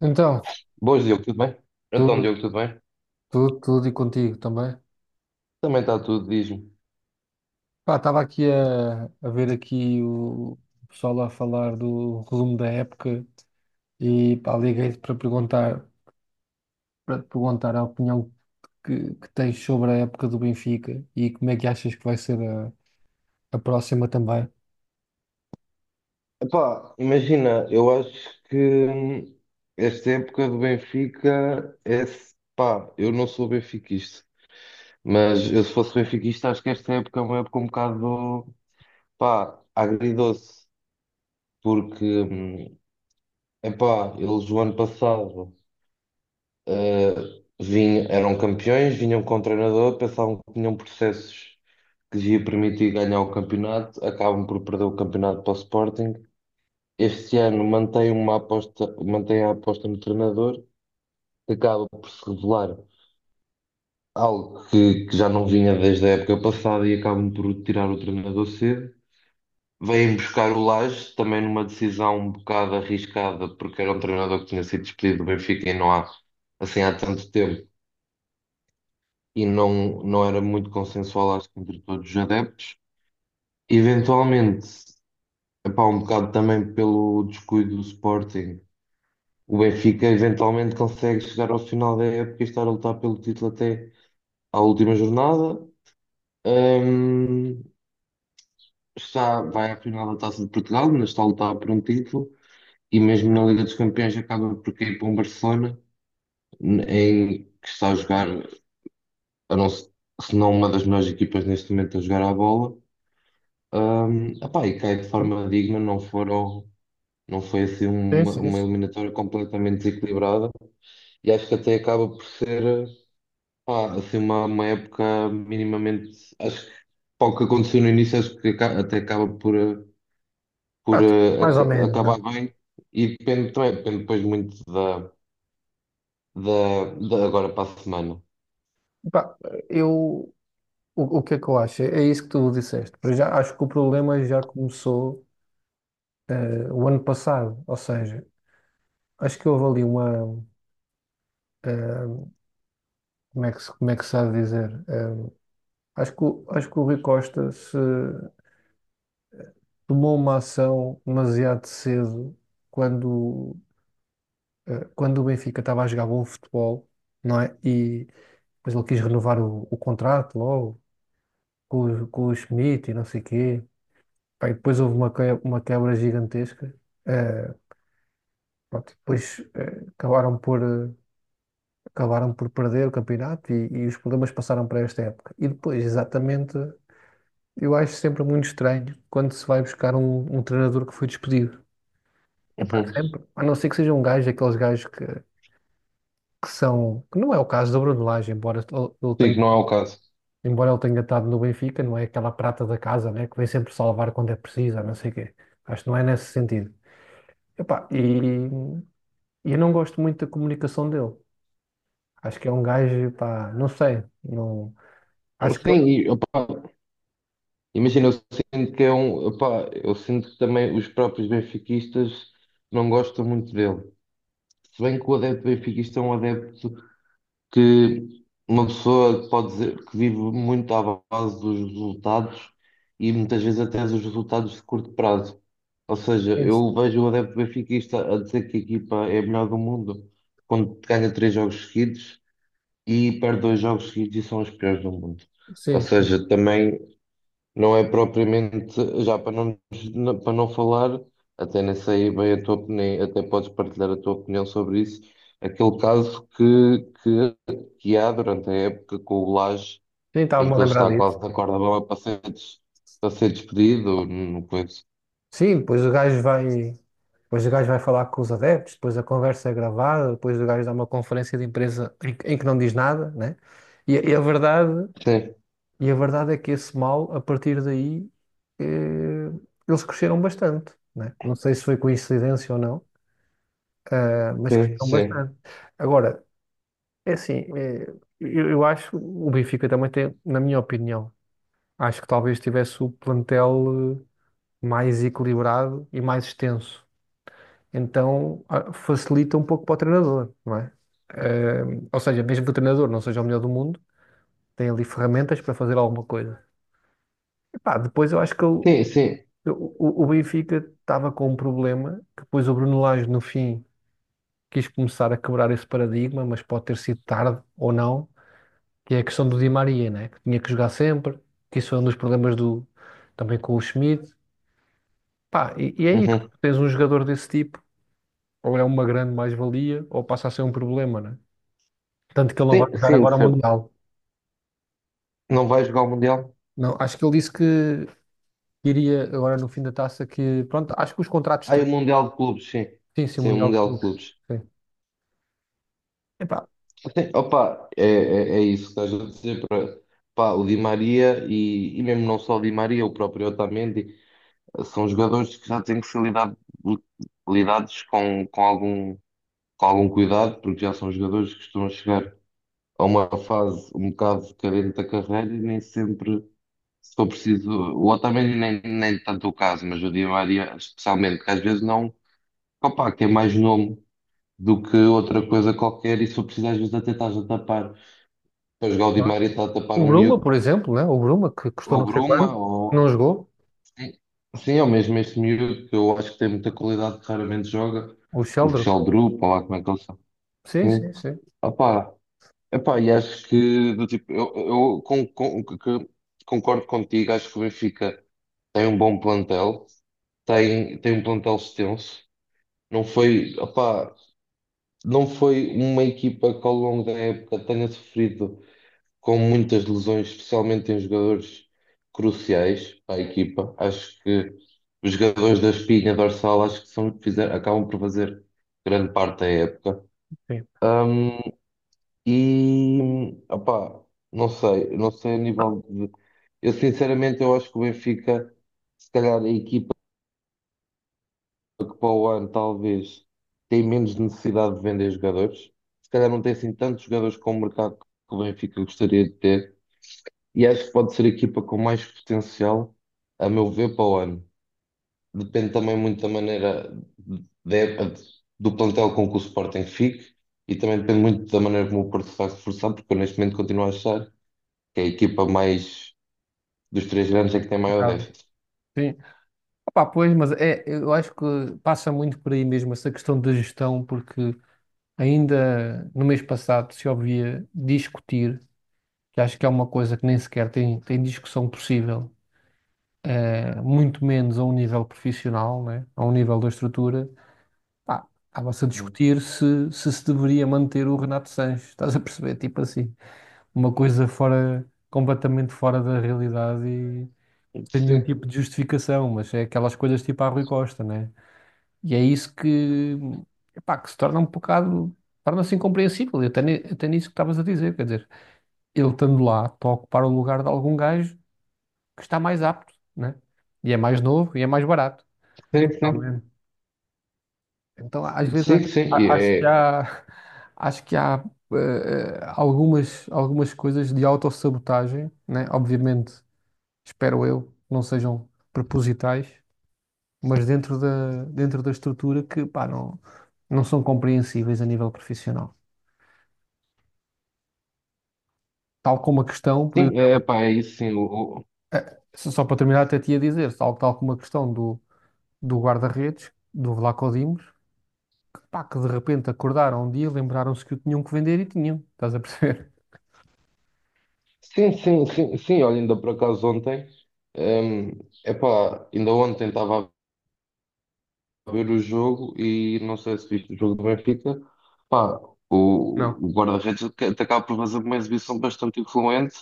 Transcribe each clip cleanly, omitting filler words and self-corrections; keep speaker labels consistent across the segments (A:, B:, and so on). A: Então,
B: Boas, Diogo, tudo bem? Então,
A: tudo,
B: Diogo, tudo bem?
A: tudo, tudo e contigo também.
B: Também está tudo, diz-me.
A: Pá, estava aqui a ver aqui o pessoal a falar do resumo da época e pá, liguei-te para perguntar, para te perguntar a opinião que tens sobre a época do Benfica e como é que achas que vai ser a próxima também.
B: Epá, imagina, eu acho que hum, esta época do Benfica é. Pá, eu não sou benfiquista, mas eu se fosse benfiquista, acho que esta época é uma época um bocado, pá, agridoce, porque, epá, eles o ano passado eh, vinham, eram campeões, vinham com o treinador, pensavam que tinham processos que lhe ia permitir ganhar o campeonato, acabam por perder o campeonato para o Sporting. Este ano mantém uma aposta, mantém a aposta no treinador, que acaba por se revelar algo que já não vinha desde a época passada, e acabam por tirar o treinador cedo. Vêm buscar o Lage, também numa decisão um bocado arriscada, porque era um treinador que tinha sido despedido do Benfica e não há, assim, há tanto tempo, e não era muito consensual, acho que entre todos os adeptos. Eventualmente. Epá, um bocado também pelo descuido do Sporting. O Benfica eventualmente consegue chegar ao final da época e estar a lutar pelo título até à última jornada. Hum, está, vai à final da Taça de Portugal, mas está a lutar por um título, e mesmo na Liga dos Campeões acaba por cair para um Barcelona em que está a jogar, a não, se não uma das melhores equipas neste momento a jogar à bola. Epá, e cai de forma digna, não foram, não foi assim
A: Sim,
B: uma,
A: sim,
B: uma
A: sim.
B: eliminatória completamente desequilibrada. E acho que até acaba por ser, pá, assim, uma época minimamente. Acho que para o que aconteceu no início, acho que até acaba
A: Pá, mais ou menos, né?
B: acabar bem. E depende também, depende depois muito da agora para a semana.
A: Pá, eu, o que é que eu acho? É isso que tu disseste. Para já acho que o problema já começou o ano passado, ou seja, acho que houve ali uma. eh, como é que, como é que se há de dizer? Acho que, acho que o Rui Costa se tomou uma ação demasiado cedo quando, quando o Benfica estava a jogar bom futebol, não é? E depois ele quis renovar o contrato logo com, com o Schmidt e não sei quê. Pá, e depois houve uma, uma quebra gigantesca. Eh, pronto, e depois acabaram por. Acabaram por perder o campeonato e os problemas passaram para esta época. E depois, exatamente. Eu acho sempre muito estranho quando se vai buscar um, um treinador que foi despedido. É
B: Uhum.
A: para
B: Sim,
A: sempre. A não ser que seja um gajo, aqueles gajos que são. Que não é o caso do Bruno Lage, embora ele tenha,
B: que não é o caso.
A: embora ele tenha estado no Benfica, não é aquela prata da casa, né? Que vem sempre salvar quando é preciso, a não sei o quê. Acho que não é nesse sentido. Epá, e eu não gosto muito da comunicação dele. Acho que é um gajo, pá, não sei. Não, acho que.
B: Sim, e, opá, imagina, eu sinto que é um. Opá, eu sinto que também os próprios benfiquistas não gostam muito dele. Se bem que o adepto benfiquista é um adepto que uma pessoa pode dizer que vive muito à base dos resultados e muitas vezes até dos resultados de curto prazo. Ou seja,
A: Sim,
B: eu vejo o adepto benfiquista a dizer que a equipa é a melhor do mundo quando ganha três jogos seguidos e perde dois jogos seguidos e são os piores do mundo. Ou
A: sim, sim.
B: seja, também não é propriamente, já para não, para não falar, até nem sei bem a tua opinião, até podes partilhar a tua opinião sobre isso, aquele caso que, que há durante a época com o Lage,
A: Nem
B: em
A: estava-me a
B: que ele
A: lembrar
B: está
A: disso.
B: quase na corda bamba para ser, para ser despedido, não coisa.
A: Sim, depois o gajo vai, depois o gajo vai falar com os adeptos, depois a conversa é gravada, depois o gajo dá uma conferência de imprensa em que não diz nada, né? E, a e a verdade,
B: Sim,
A: e a verdade é que esse mal, a partir daí, eh, eles cresceram bastante, né? Não sei se foi coincidência ou não, mas
B: sim,
A: cresceram
B: sim.
A: bastante. Agora, é assim, eu acho o Benfica também tem, na minha opinião, acho que talvez tivesse o plantel mais equilibrado e mais extenso então facilita um pouco para o treinador, não é? Eh, ou seja, mesmo que o treinador não seja o melhor do mundo, tem ali ferramentas para fazer alguma coisa. Epá, depois eu acho que
B: Sim, sim.
A: o Benfica estava com um problema, que depois o Bruno Lage no fim quis começar a quebrar esse paradigma, mas pode ter sido tarde ou não, que é a questão do Di Maria, né? Que tinha que jogar sempre, que isso foi um dos problemas do, também com o Schmidt. Pá, e é isso,
B: Uhum.
A: tens um jogador desse tipo, ou é uma grande mais-valia, ou passa a ser um problema, né? Tanto que ele não vai
B: Sim,
A: jogar
B: sim, de
A: agora o
B: certo.
A: Mundial.
B: Não vai jogar o Mundial?
A: Não, acho que ele disse que iria agora no fim da taça que, pronto, acho que os contratos...
B: Ah, e o Mundial de Clubes, sim.
A: Sim, sim, o
B: Sim, o
A: Mundial de
B: Mundial de
A: Clubes.
B: Clubes.
A: Sim. Epá,
B: Sim. Opa, é, é isso que estás a dizer. Pá, o Di Maria e mesmo não só o Di Maria, o próprio Otamendi, são jogadores que já têm que ser lidados com algum cuidado, porque já são jogadores que estão a chegar a uma fase um bocado carente da carreira, e nem sempre, se for preciso, o Otamendi nem tanto o caso, mas o Di Maria especialmente, que às vezes não, opa, que é mais nome do que outra coisa qualquer, e se for preciso às vezes até estás a tapar. Pois
A: não é?
B: Gaudimar está a tapar
A: O
B: um
A: Bruma,
B: miúdo,
A: por exemplo, né? O Bruma, que custou
B: ou
A: não sei quanto,
B: Bruma,
A: que não
B: ou.
A: jogou.
B: Sim, sim, ou mesmo este miúdo que eu acho que tem muita qualidade, que raramente joga.
A: O
B: O
A: Sheldrick.
B: Sheldrup, ou lá como é que eles são.
A: Sim, sim,
B: Sim.
A: sim.
B: Opá, epá, e acho que, do tipo, eu concordo contigo, acho que o Benfica tem um bom plantel, tem um plantel extenso. Não foi, opá, não foi uma equipa que ao longo da época tenha sofrido com muitas lesões, especialmente em jogadores cruciais para a equipa. Acho que os jogadores da espinha dorsal, acho que são, acabam por fazer grande parte da época.
A: Sim.
B: Ahm, e opá, não sei, não sei a
A: Ah,
B: nível de. Eu sinceramente eu acho que o Benfica, se calhar a equipa que para o ano talvez tem menos necessidade de vender jogadores. Se calhar não tem assim tantos jogadores com o mercado que o Benfica gostaria de ter. E acho que pode ser a equipa com mais potencial, a meu ver, para o ano. Depende também muito da maneira de- do plantel com que o Sporting fique, e também depende muito da maneira como o Porto se vai reforçar, porque eu neste momento continuo a achar que a equipa mais dos três grandes é que tem maior
A: complicado.
B: déficit.
A: Sim. Opá, pois, mas é, eu acho que passa muito por aí mesmo essa questão da gestão, porque ainda no mês passado se ouvia discutir, que acho que é uma coisa que nem sequer tem, tem discussão possível, muito menos a um nível profissional, né? A um nível da estrutura, pá, estava-se a
B: Uhum.
A: discutir se, se se deveria manter o Renato Sanches, estás a perceber? Tipo assim, uma coisa fora, completamente fora da realidade e sem nenhum
B: Sim,
A: tipo de justificação, mas é aquelas coisas tipo a Rui Costa, né? E é isso que, epá, que se torna um bocado, torna-se incompreensível, e até, até nisso que estavas a dizer, quer dizer, ele estando lá, está a ocupar o lugar de algum gajo que está mais apto, né? E é mais novo e é mais barato.
B: sim,
A: Pelo
B: sim,
A: Então, às vezes,
B: sim,
A: acho,
B: sim, e
A: a- acho que
B: é,
A: há, acho que há algumas, algumas coisas de autossabotagem, né? Obviamente, espero eu, não sejam propositais, mas dentro da estrutura que, pá, não, não são compreensíveis a nível profissional. Tal como a questão, por
B: sim,
A: exemplo,
B: é, pá, é isso, sim, o,
A: só para terminar, até te ia dizer, tal, tal como a questão do, do guarda-redes, do Vlaco Dimos, pá, que de repente acordaram um dia, lembraram-se que o tinham que vender e tinham, estás a perceber?
B: sim, sim, sim, sim, olha, ainda por acaso ontem, hum, epá, ainda ontem estava a ver o jogo, e não sei se viste o jogo do Benfica, pá,
A: Não.
B: o guarda-redes acaba por fazer uma exibição bastante influente,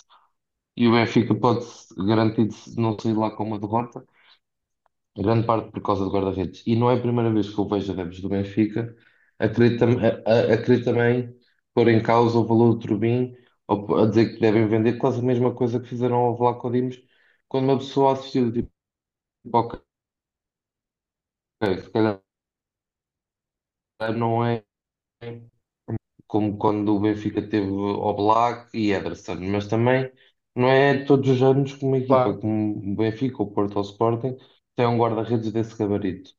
B: e o Benfica pode garantir não sair lá com uma derrota, em grande parte por causa do guarda-redes. E não é a primeira vez que eu vejo adeptos do Benfica a querer também pôr em causa o valor do Trubin, ou a dizer que devem vender, quase a mesma coisa que fizeram ao Vlaco Dimos, quando uma pessoa assistiu, tipo, ok, se calhar não é, como quando o Benfica teve Oblak e Ederson, mas também não é todos os anos que uma equipa
A: Claro.
B: como o Benfica, o Porto ou o Sporting tem um guarda-redes desse gabarito.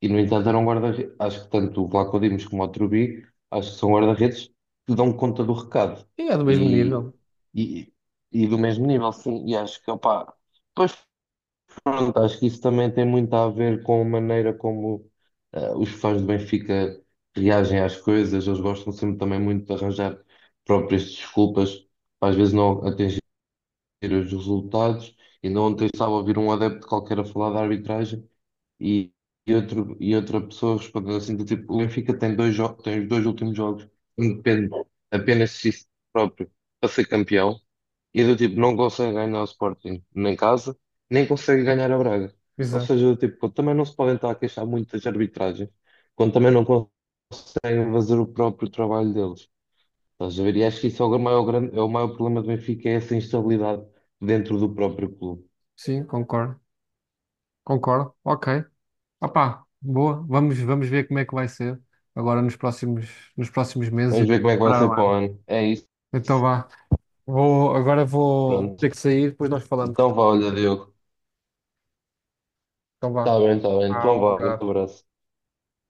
B: E no entanto era um guarda-redes, acho que tanto o Vlaco Dimos como o Trubi, acho que são guarda-redes que dão conta do recado
A: Sim, é do mesmo
B: e,
A: nível.
B: e, e do mesmo nível, sim, e acho que opá, pois. Pronto, acho que isso também tem muito a ver com a maneira como os fãs do Benfica reagem às coisas. Eles gostam sempre também muito de arranjar próprias desculpas para às vezes não atingir os resultados. Ainda ontem estava a ouvir um adepto qualquer a falar da arbitragem e, e outra pessoa respondeu assim do tipo, o Benfica tem dois jogos, tem os dois últimos jogos, depende apenas de si próprio para ser campeão. E do tipo, não consegue ganhar o Sporting nem em casa, nem consegue ganhar a Braga. Ou
A: Exato.
B: seja, do tipo, também não se podem estar a queixar muito das arbitragens, quando também não conseguem fazer o próprio trabalho deles. Estás a ver? E acho que isso é o maior, grande, é o maior problema do Benfica, é essa instabilidade dentro do próprio clube.
A: Sim, concordo. Concordo. Ok. Opá, boa. Vamos, vamos ver como é que vai ser agora nos próximos meses e
B: Vamos ver como é que vai
A: preparar
B: ser
A: o
B: para o
A: ano.
B: ano. É isso,
A: Então vá. Vou, agora vou
B: pronto.
A: ter que sair, depois nós falamos.
B: Então
A: Tá?
B: vá, olha, Diogo.
A: Então vá.
B: Está bem, está bem.
A: Ah,
B: Então
A: um
B: vá, grande
A: abraço.
B: abraço.